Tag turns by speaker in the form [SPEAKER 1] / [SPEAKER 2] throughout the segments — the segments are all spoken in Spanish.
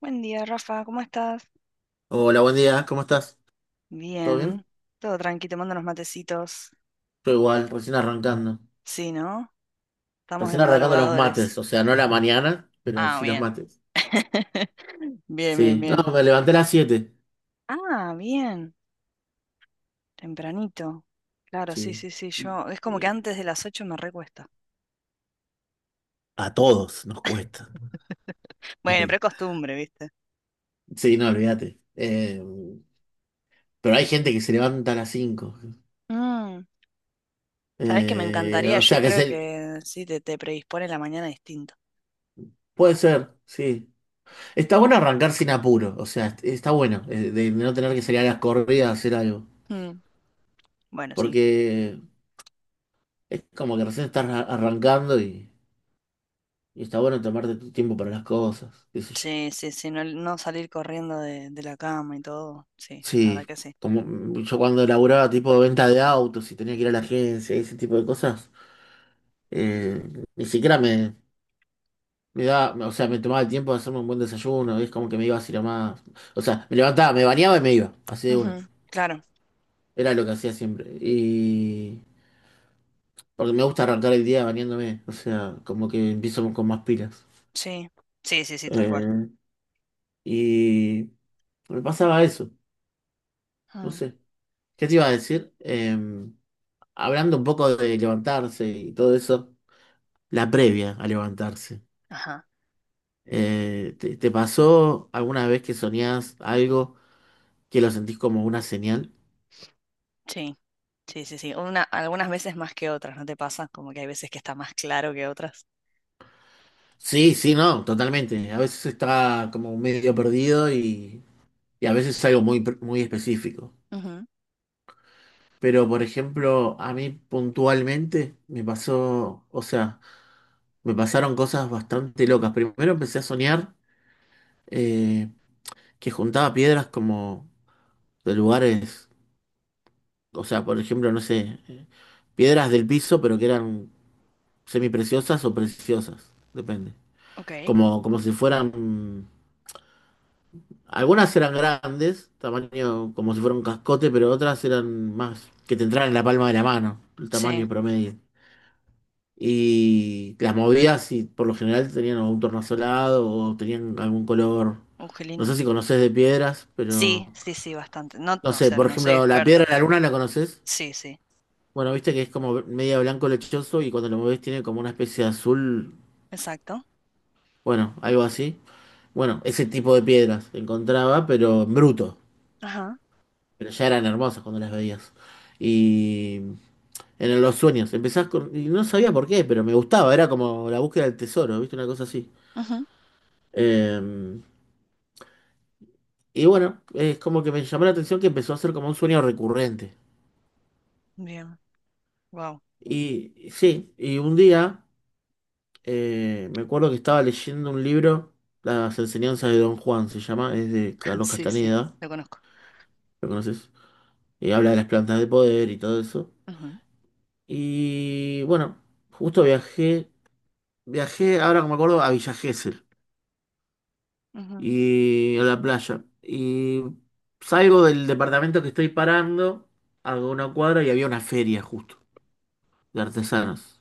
[SPEAKER 1] Buen día, Rafa, ¿cómo estás?
[SPEAKER 2] Hola, buen día, ¿cómo estás? ¿Todo bien?
[SPEAKER 1] Bien, todo tranqui, tomando unos matecitos.
[SPEAKER 2] Todo igual, recién arrancando.
[SPEAKER 1] Sí, ¿no? Estamos de
[SPEAKER 2] Recién arrancando los
[SPEAKER 1] madrugadores.
[SPEAKER 2] mates, o sea, no la mañana, pero
[SPEAKER 1] Ah,
[SPEAKER 2] sí los
[SPEAKER 1] bien.
[SPEAKER 2] mates.
[SPEAKER 1] Bien, bien,
[SPEAKER 2] Sí, no,
[SPEAKER 1] bien.
[SPEAKER 2] me levanté a las 7.
[SPEAKER 1] Ah, bien, tempranito. Claro, sí,
[SPEAKER 2] Sí.
[SPEAKER 1] sí, sí,
[SPEAKER 2] Y-
[SPEAKER 1] yo. Es como que
[SPEAKER 2] y
[SPEAKER 1] antes de las 8 me recuesta.
[SPEAKER 2] a todos nos cuesta.
[SPEAKER 1] Bueno, pero es costumbre, ¿viste?
[SPEAKER 2] Sí, no, olvídate. Pero hay gente que se levanta a las 5.
[SPEAKER 1] Mm, ¿Sabés qué me encantaría?
[SPEAKER 2] O
[SPEAKER 1] Yo
[SPEAKER 2] sea,
[SPEAKER 1] creo que sí, te predispone la mañana distinto.
[SPEAKER 2] Puede ser, sí. Está bueno arrancar sin apuro, o sea, está bueno, de no tener que salir a las corridas a hacer algo.
[SPEAKER 1] Mm, bueno, sí.
[SPEAKER 2] Porque es como que recién estás arrancando. Y está bueno tomarte tu tiempo para las cosas, qué sé yo.
[SPEAKER 1] Sí, sí, sí, no, no salir corriendo de la cama y todo. Sí, la verdad
[SPEAKER 2] Sí,
[SPEAKER 1] que sí.
[SPEAKER 2] como yo cuando laburaba tipo de venta de autos y tenía que ir a la agencia y ese tipo de cosas, eh, ni siquiera me daba, o sea, me tomaba el tiempo de hacerme un buen desayuno, y es como que me iba así nomás. O sea, me levantaba, me bañaba y me iba, así de una.
[SPEAKER 1] Ujú, claro.
[SPEAKER 2] Era lo que hacía siempre. Y porque me gusta arrancar el día bañándome, o sea, como que empiezo con más pilas.
[SPEAKER 1] Sí, sí, sí, sí, tal cual.
[SPEAKER 2] Eh, y me pasaba eso, no
[SPEAKER 1] Ah,
[SPEAKER 2] sé. ¿Qué te iba a decir? Hablando un poco de levantarse y todo eso, la previa a levantarse.
[SPEAKER 1] ajá,
[SPEAKER 2] ¿Te pasó alguna vez que soñás algo que lo sentís como una señal?
[SPEAKER 1] sí, sí, sí, sí. Una, algunas veces más que otras, ¿no te pasa? Como que hay veces que está más claro que otras.
[SPEAKER 2] Sí, sí, no, totalmente. A veces está como medio perdido y a veces es algo muy específico.
[SPEAKER 1] Ujú,
[SPEAKER 2] Pero, por ejemplo, a mí puntualmente me pasó, o sea, me pasaron cosas bastante locas. Primero empecé a soñar eh, que juntaba piedras como de lugares. O sea, por ejemplo, no sé, piedras del piso, pero que eran semipreciosas o preciosas, depende.
[SPEAKER 1] ok,
[SPEAKER 2] Como si fueran, algunas eran grandes, tamaño como si fuera un cascote, pero otras eran más, que te entraran en la palma de la mano, el
[SPEAKER 1] sí,
[SPEAKER 2] tamaño promedio. Y las movías y por lo general tenían un tornasolado o tenían algún color.
[SPEAKER 1] qué
[SPEAKER 2] No sé
[SPEAKER 1] lindo.
[SPEAKER 2] si conoces de piedras, pero
[SPEAKER 1] Sí, sí, sí, bastante. No,
[SPEAKER 2] no
[SPEAKER 1] no, o
[SPEAKER 2] sé,
[SPEAKER 1] sea,
[SPEAKER 2] por
[SPEAKER 1] no soy
[SPEAKER 2] ejemplo, la
[SPEAKER 1] experta,
[SPEAKER 2] piedra de la
[SPEAKER 1] pero
[SPEAKER 2] luna, ¿la conoces?
[SPEAKER 1] sí, sí,
[SPEAKER 2] Bueno, viste que es como media blanco lechoso y cuando lo mueves tiene como una especie de azul,
[SPEAKER 1] exacto.
[SPEAKER 2] bueno, algo así. Bueno, ese tipo de piedras encontraba, pero en bruto.
[SPEAKER 1] Ajá,
[SPEAKER 2] Pero ya eran hermosas cuando las veías. Y en los sueños, y no sabía por qué, pero me gustaba, era como la búsqueda del tesoro, viste, una cosa así.
[SPEAKER 1] ujú,
[SPEAKER 2] Eh, y bueno, es como que me llamó la atención que empezó a ser como un sueño recurrente.
[SPEAKER 1] bien, wow,
[SPEAKER 2] Y sí, y un día. Me acuerdo que estaba leyendo un libro, Las enseñanzas de Don Juan se llama, es de Carlos
[SPEAKER 1] sí, sí,
[SPEAKER 2] Castaneda,
[SPEAKER 1] lo conozco.
[SPEAKER 2] ¿lo conoces? Y habla de las plantas de poder y todo eso. Y bueno, justo viajé, ahora que me acuerdo, a Villa Gesell
[SPEAKER 1] Ujú, ujú.
[SPEAKER 2] y a la playa. Y salgo del departamento que estoy parando, hago una cuadra y había una feria justo de artesanos.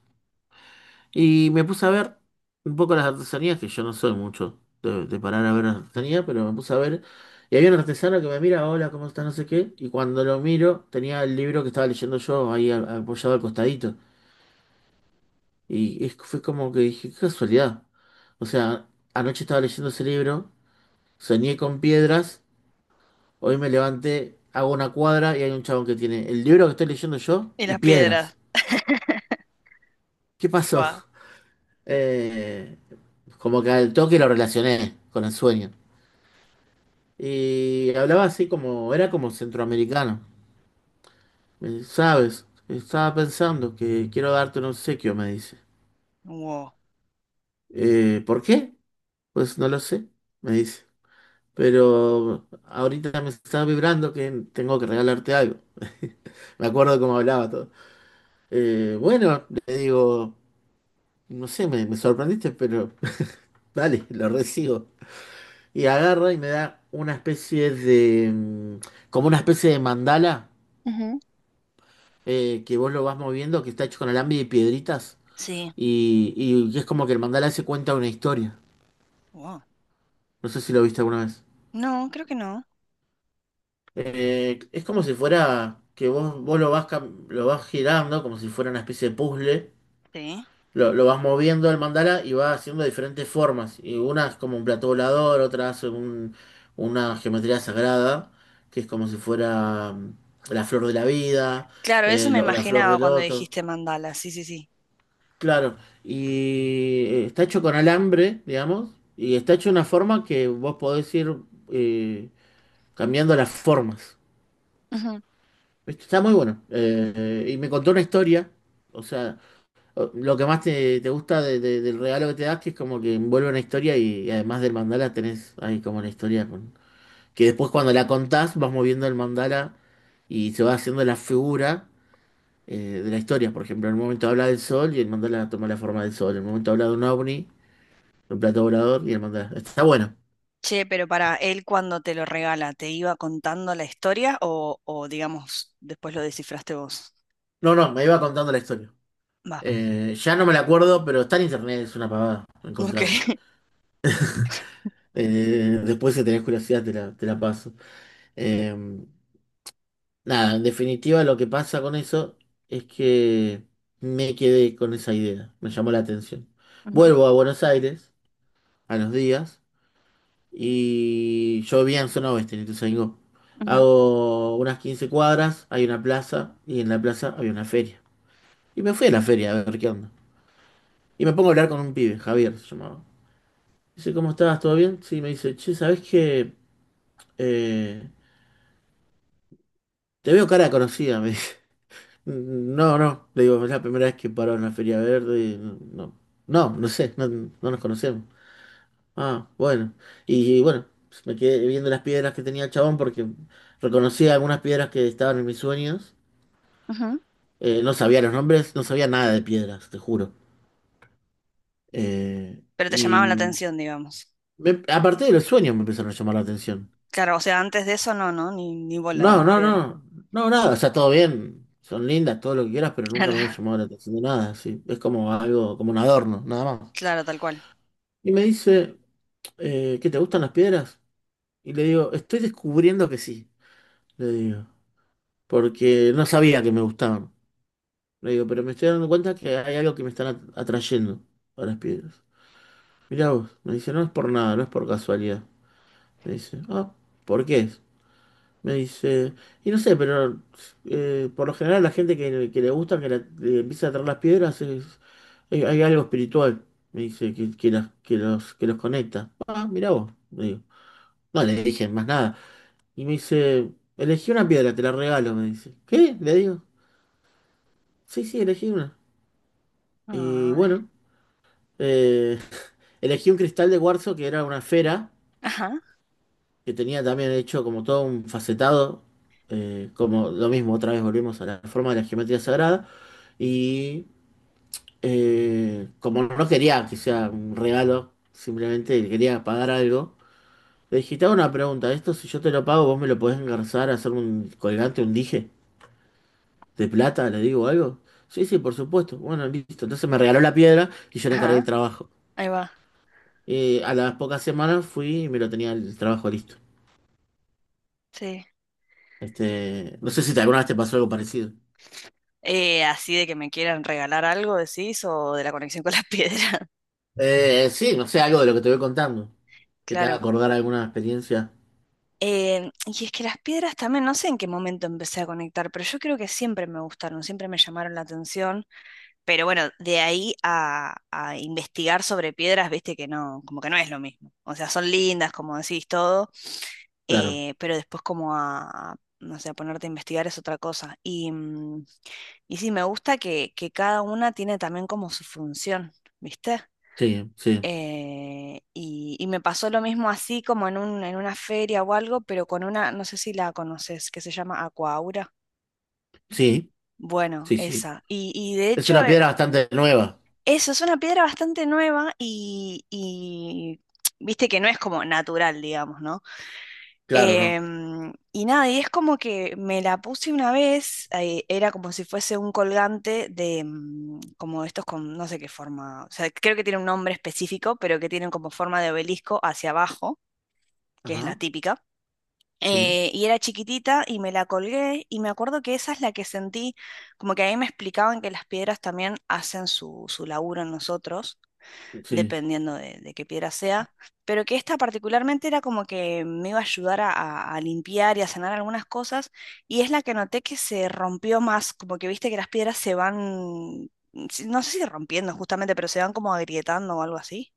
[SPEAKER 2] Y me puse a ver un poco las artesanías, que yo no soy mucho de parar a ver artesanía, pero me puse a ver. Y había un artesano que me mira, hola, ¿cómo está? No sé qué. Y cuando lo miro, tenía el libro que estaba leyendo yo ahí apoyado al costadito. Y fue como que dije, qué casualidad. O sea, anoche estaba leyendo ese libro, soñé con piedras, hoy me levanté, hago una cuadra y hay un chabón que tiene el libro que estoy leyendo yo
[SPEAKER 1] Y
[SPEAKER 2] y
[SPEAKER 1] las piedras.
[SPEAKER 2] piedras. ¿Qué pasó?
[SPEAKER 1] Wow,
[SPEAKER 2] Eh, como que al toque lo relacioné con el sueño. Y hablaba así como, era como centroamericano. ¿Sabes? Estaba pensando que quiero darte un obsequio, me dice.
[SPEAKER 1] wow,
[SPEAKER 2] ¿Por qué? Pues no lo sé, me dice. Pero ahorita me está vibrando que tengo que regalarte algo. Me acuerdo cómo hablaba todo. "Bueno, le digo, no sé, me sorprendiste, pero vale, lo recibo. Y agarra y me da una especie de, como una especie de mandala,
[SPEAKER 1] ujú,
[SPEAKER 2] que vos lo vas moviendo, que está hecho con alambre y piedritas,
[SPEAKER 1] sí,
[SPEAKER 2] y es como que el mandala se cuenta una historia.
[SPEAKER 1] wow.
[SPEAKER 2] No sé si lo viste alguna vez.
[SPEAKER 1] No, creo que no.
[SPEAKER 2] Es como si fuera que vos lo vas girando, como si fuera una especie de puzzle.
[SPEAKER 1] Sí.
[SPEAKER 2] Lo vas moviendo el mandala y va haciendo diferentes formas. Y una es como un plato volador, otra hace una geometría sagrada, que es como si fuera, la flor de la vida,
[SPEAKER 1] Claro, eso
[SPEAKER 2] eh,
[SPEAKER 1] me
[SPEAKER 2] lo- la flor
[SPEAKER 1] imaginaba
[SPEAKER 2] del
[SPEAKER 1] cuando
[SPEAKER 2] loto.
[SPEAKER 1] dijiste mandala, sí, sí, sí.
[SPEAKER 2] Claro, y está hecho con alambre, digamos, y está hecho de una forma que vos podés ir, eh, cambiando las formas.
[SPEAKER 1] Ujú.
[SPEAKER 2] ¿Viste? Está muy bueno. Y me contó una historia, o sea, lo que más te gusta del regalo que te das, que es como que envuelve una historia, y además del mandala tenés ahí como una historia, que después cuando la contás vas moviendo el mandala y se va haciendo la figura, de la historia. Por ejemplo, en un momento habla del sol y el mandala toma la forma del sol, en un momento habla de un ovni. El plato volador y el mandar. Está bueno.
[SPEAKER 1] Che, pero para él cuando te lo regala, ¿te iba contando la historia o digamos, después lo descifraste vos?
[SPEAKER 2] No, no, me iba contando la historia.
[SPEAKER 1] Va,
[SPEAKER 2] Ya no me la acuerdo, pero está en internet, es una pavada
[SPEAKER 1] ok.
[SPEAKER 2] encontrarla. Después, si tenés curiosidad, te la paso. Eh, nada, en definitiva, lo que pasa con eso es que me quedé con esa idea, me llamó la atención.
[SPEAKER 1] Ujú,
[SPEAKER 2] Vuelvo a Buenos Aires a los días y yo vivía en zona oeste, en Ituzaingó.
[SPEAKER 1] ujú,
[SPEAKER 2] Hago unas 15 cuadras, hay una plaza y en la plaza había una feria. Y me fui a la feria a ver qué onda. Y me pongo a hablar con un pibe, Javier se llamaba. Dice, ¿cómo estás? ¿Todo bien? Sí, me dice, che, ¿sabés qué? Eh, te veo cara conocida, me dice. No, no, le digo, es la primera vez que paro en la Feria Verde, y no, no, no, no sé, no, no nos conocemos. Ah, bueno. Y bueno, pues, me quedé viendo las piedras que tenía el chabón porque reconocía algunas piedras que estaban en mis sueños.
[SPEAKER 1] ujú.
[SPEAKER 2] No sabía los nombres, no sabía nada de piedras, te juro. Eh,
[SPEAKER 1] Pero te
[SPEAKER 2] y
[SPEAKER 1] llamaba la atención, digamos.
[SPEAKER 2] me- a partir de los sueños me empezaron a llamar la atención.
[SPEAKER 1] Claro, o sea, antes de eso no, no, ni, ni bola de
[SPEAKER 2] No,
[SPEAKER 1] las
[SPEAKER 2] no,
[SPEAKER 1] piedras.
[SPEAKER 2] no, no, nada, o sea, todo bien, son lindas, todo lo que quieras, pero nunca
[SPEAKER 1] Claro,
[SPEAKER 2] me había llamado la atención de nada, sí, es como algo, como un adorno, nada más.
[SPEAKER 1] claro, tal cual.
[SPEAKER 2] Y me dice, ¿qué te gustan las piedras? Y le digo, estoy descubriendo que sí, le digo, porque no sabía que me gustaban. Le digo, pero me estoy dando cuenta que hay algo que me están atrayendo a las piedras. Mirá vos, me dice, no es por nada, no es por casualidad. Me dice, ah, ¿por qué? Me dice, y no sé, pero por lo general la gente que le gusta, le empieza a traer las piedras, hay, algo espiritual, me dice, que los conecta. Ah, mirá vos, le digo. No le dije más nada. Y me dice, elegí una piedra, te la regalo, me dice. ¿Qué? Le digo, sí, sí, elegí una. Y
[SPEAKER 1] Ay.
[SPEAKER 2] bueno, eh, elegí un cristal de cuarzo que era una esfera
[SPEAKER 1] Ajá,
[SPEAKER 2] que tenía también hecho como todo un facetado, como lo mismo, otra vez volvimos a la forma de la geometría sagrada, y como no quería que sea un regalo, simplemente quería pagar algo, le dije, te hago una pregunta, esto si yo te lo pago, vos me lo podés engarzar, hacer un colgante, un dije de plata, le digo algo. Sí, sí, por supuesto. Bueno, listo. Entonces me regaló la piedra y yo le encargué el
[SPEAKER 1] ajá,
[SPEAKER 2] trabajo.
[SPEAKER 1] ahí va,
[SPEAKER 2] A las pocas semanas fui y me lo tenía el trabajo listo.
[SPEAKER 1] sí.
[SPEAKER 2] Este, no sé si alguna vez te pasó algo parecido.
[SPEAKER 1] Así de que me quieran regalar algo, decís, o de la conexión con las piedras.
[SPEAKER 2] Sí, no sé, algo de lo que te voy contando, que te haga
[SPEAKER 1] Claro.
[SPEAKER 2] acordar alguna experiencia.
[SPEAKER 1] Y es que las piedras también, no sé en qué momento empecé a conectar, pero yo creo que siempre me gustaron, siempre me llamaron la atención. Pero bueno, de ahí a investigar sobre piedras, viste que no, como que no es lo mismo. O sea, son lindas, como decís todo,
[SPEAKER 2] Claro,
[SPEAKER 1] pero después como a, no sé, a ponerte a investigar es otra cosa. Y, mm, y sí, me gusta que cada una tiene también como su función, ¿viste?
[SPEAKER 2] sí, sí,
[SPEAKER 1] Y me pasó lo mismo así como en un, en una feria o algo, pero con una, no sé si la conoces, que se llama Aquaura.
[SPEAKER 2] sí,
[SPEAKER 1] Bueno,
[SPEAKER 2] sí, sí.
[SPEAKER 1] esa. Y de
[SPEAKER 2] Es
[SPEAKER 1] hecho,
[SPEAKER 2] una piedra bastante nueva,
[SPEAKER 1] eso es una piedra bastante nueva y viste que no es como natural, digamos, ¿no?
[SPEAKER 2] claro, ¿no?
[SPEAKER 1] Y nada, y es como que me la puse una vez, era como si fuese un colgante de, mm, como estos con, no sé qué forma, o sea, creo que tiene un nombre específico, pero que tienen como forma de obelisco hacia abajo. Que es la
[SPEAKER 2] Ajá,
[SPEAKER 1] típica.
[SPEAKER 2] sí,
[SPEAKER 1] Y era chiquitita y me la colgué y me acuerdo que esa es la que sentí, como que ahí me explicaban que las piedras también hacen su laburo en nosotros,
[SPEAKER 2] sí.
[SPEAKER 1] dependiendo de qué piedra sea, pero que esta particularmente era como que me iba a ayudar a, a limpiar y a sanar algunas cosas y es la que noté que se rompió más, como que viste que las piedras se van, no sé si rompiendo justamente, pero se van como agrietando o algo así.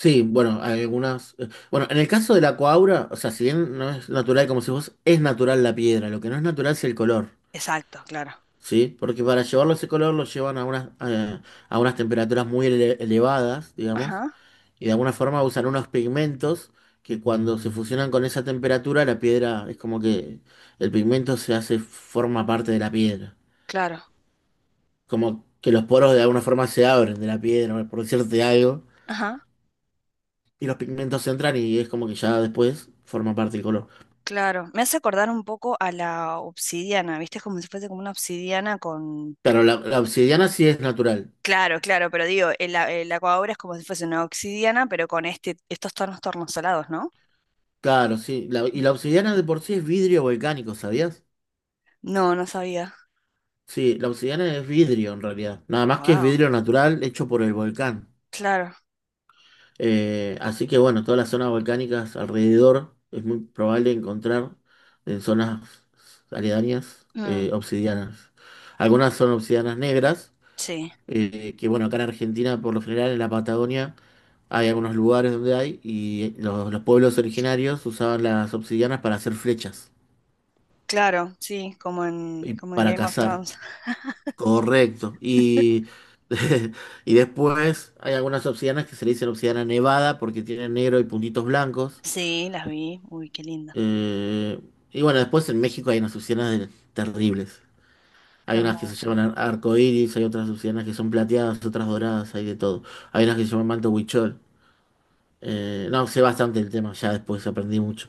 [SPEAKER 2] Sí, bueno, hay algunas, bueno, en el caso de la coaura, o sea, si bien no es natural como si vos, es natural la piedra, lo que no es natural es el color,
[SPEAKER 1] Exacto, claro.
[SPEAKER 2] ¿sí? Porque para llevarlo ese color lo llevan a unas temperaturas muy elevadas, digamos,
[SPEAKER 1] Ajá,
[SPEAKER 2] y de alguna forma usan unos pigmentos que cuando se fusionan con esa temperatura, la piedra es como que el pigmento se hace, forma parte de la piedra.
[SPEAKER 1] claro.
[SPEAKER 2] Como que los poros de alguna forma se abren de la piedra, por decirte algo,
[SPEAKER 1] Ajá.
[SPEAKER 2] y los pigmentos entran y es como que ya después forma parte del color.
[SPEAKER 1] Claro, me hace acordar un poco a la obsidiana, ¿viste? Es como si fuese como una obsidiana con...
[SPEAKER 2] Claro, la obsidiana sí es natural.
[SPEAKER 1] Claro, claro, pero digo, el, el aquabobra es como si fuese una obsidiana, pero con este, estos tonos tornasolados, ¿no?
[SPEAKER 2] Claro, sí. Y la obsidiana de por sí es vidrio volcánico, ¿sabías?
[SPEAKER 1] No, no sabía.
[SPEAKER 2] Sí, la obsidiana es vidrio en realidad. Nada más que es
[SPEAKER 1] Wow,
[SPEAKER 2] vidrio natural hecho por el volcán.
[SPEAKER 1] claro.
[SPEAKER 2] Así que bueno, todas las zonas volcánicas alrededor es muy probable encontrar en zonas aledañas,
[SPEAKER 1] Mm,
[SPEAKER 2] obsidianas. Algunas son obsidianas negras,
[SPEAKER 1] sí,
[SPEAKER 2] que bueno, acá en Argentina por lo general en la Patagonia hay algunos lugares donde hay y los pueblos originarios usaban las obsidianas para hacer flechas
[SPEAKER 1] claro, sí, como en,
[SPEAKER 2] y
[SPEAKER 1] como en
[SPEAKER 2] para
[SPEAKER 1] Game of
[SPEAKER 2] cazar.
[SPEAKER 1] Thrones.
[SPEAKER 2] Correcto. Y, y después hay algunas obsidianas que se le dicen obsidiana nevada porque tienen negro y puntitos blancos.
[SPEAKER 1] Sí, las vi. Uy, qué linda.
[SPEAKER 2] Eh, y bueno, después en México hay unas azucenas terribles.
[SPEAKER 1] Qué
[SPEAKER 2] Hay unas que se
[SPEAKER 1] hermoso.
[SPEAKER 2] llaman arcoíris, hay otras azucenas que son plateadas, otras doradas, hay de todo. Hay unas que se llaman manto huichol. No, sé bastante el tema, ya después aprendí mucho.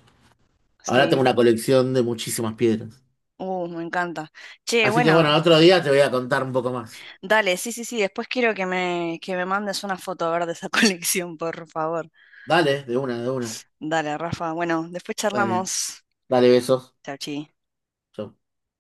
[SPEAKER 2] Ahora tengo
[SPEAKER 1] Sí.
[SPEAKER 2] una colección de muchísimas piedras.
[SPEAKER 1] Me encanta. Che,
[SPEAKER 2] Así que bueno,
[SPEAKER 1] bueno,
[SPEAKER 2] otro día te voy a contar un poco más.
[SPEAKER 1] dale, sí, sí, sí. Después quiero que me mandes una foto a ver de esa colección, por favor.
[SPEAKER 2] Dale, de una, de una.
[SPEAKER 1] Dale, Rafa. Bueno, después
[SPEAKER 2] Dale,
[SPEAKER 1] charlamos.
[SPEAKER 2] dale, besos.
[SPEAKER 1] Chau, chi.
[SPEAKER 2] Chau.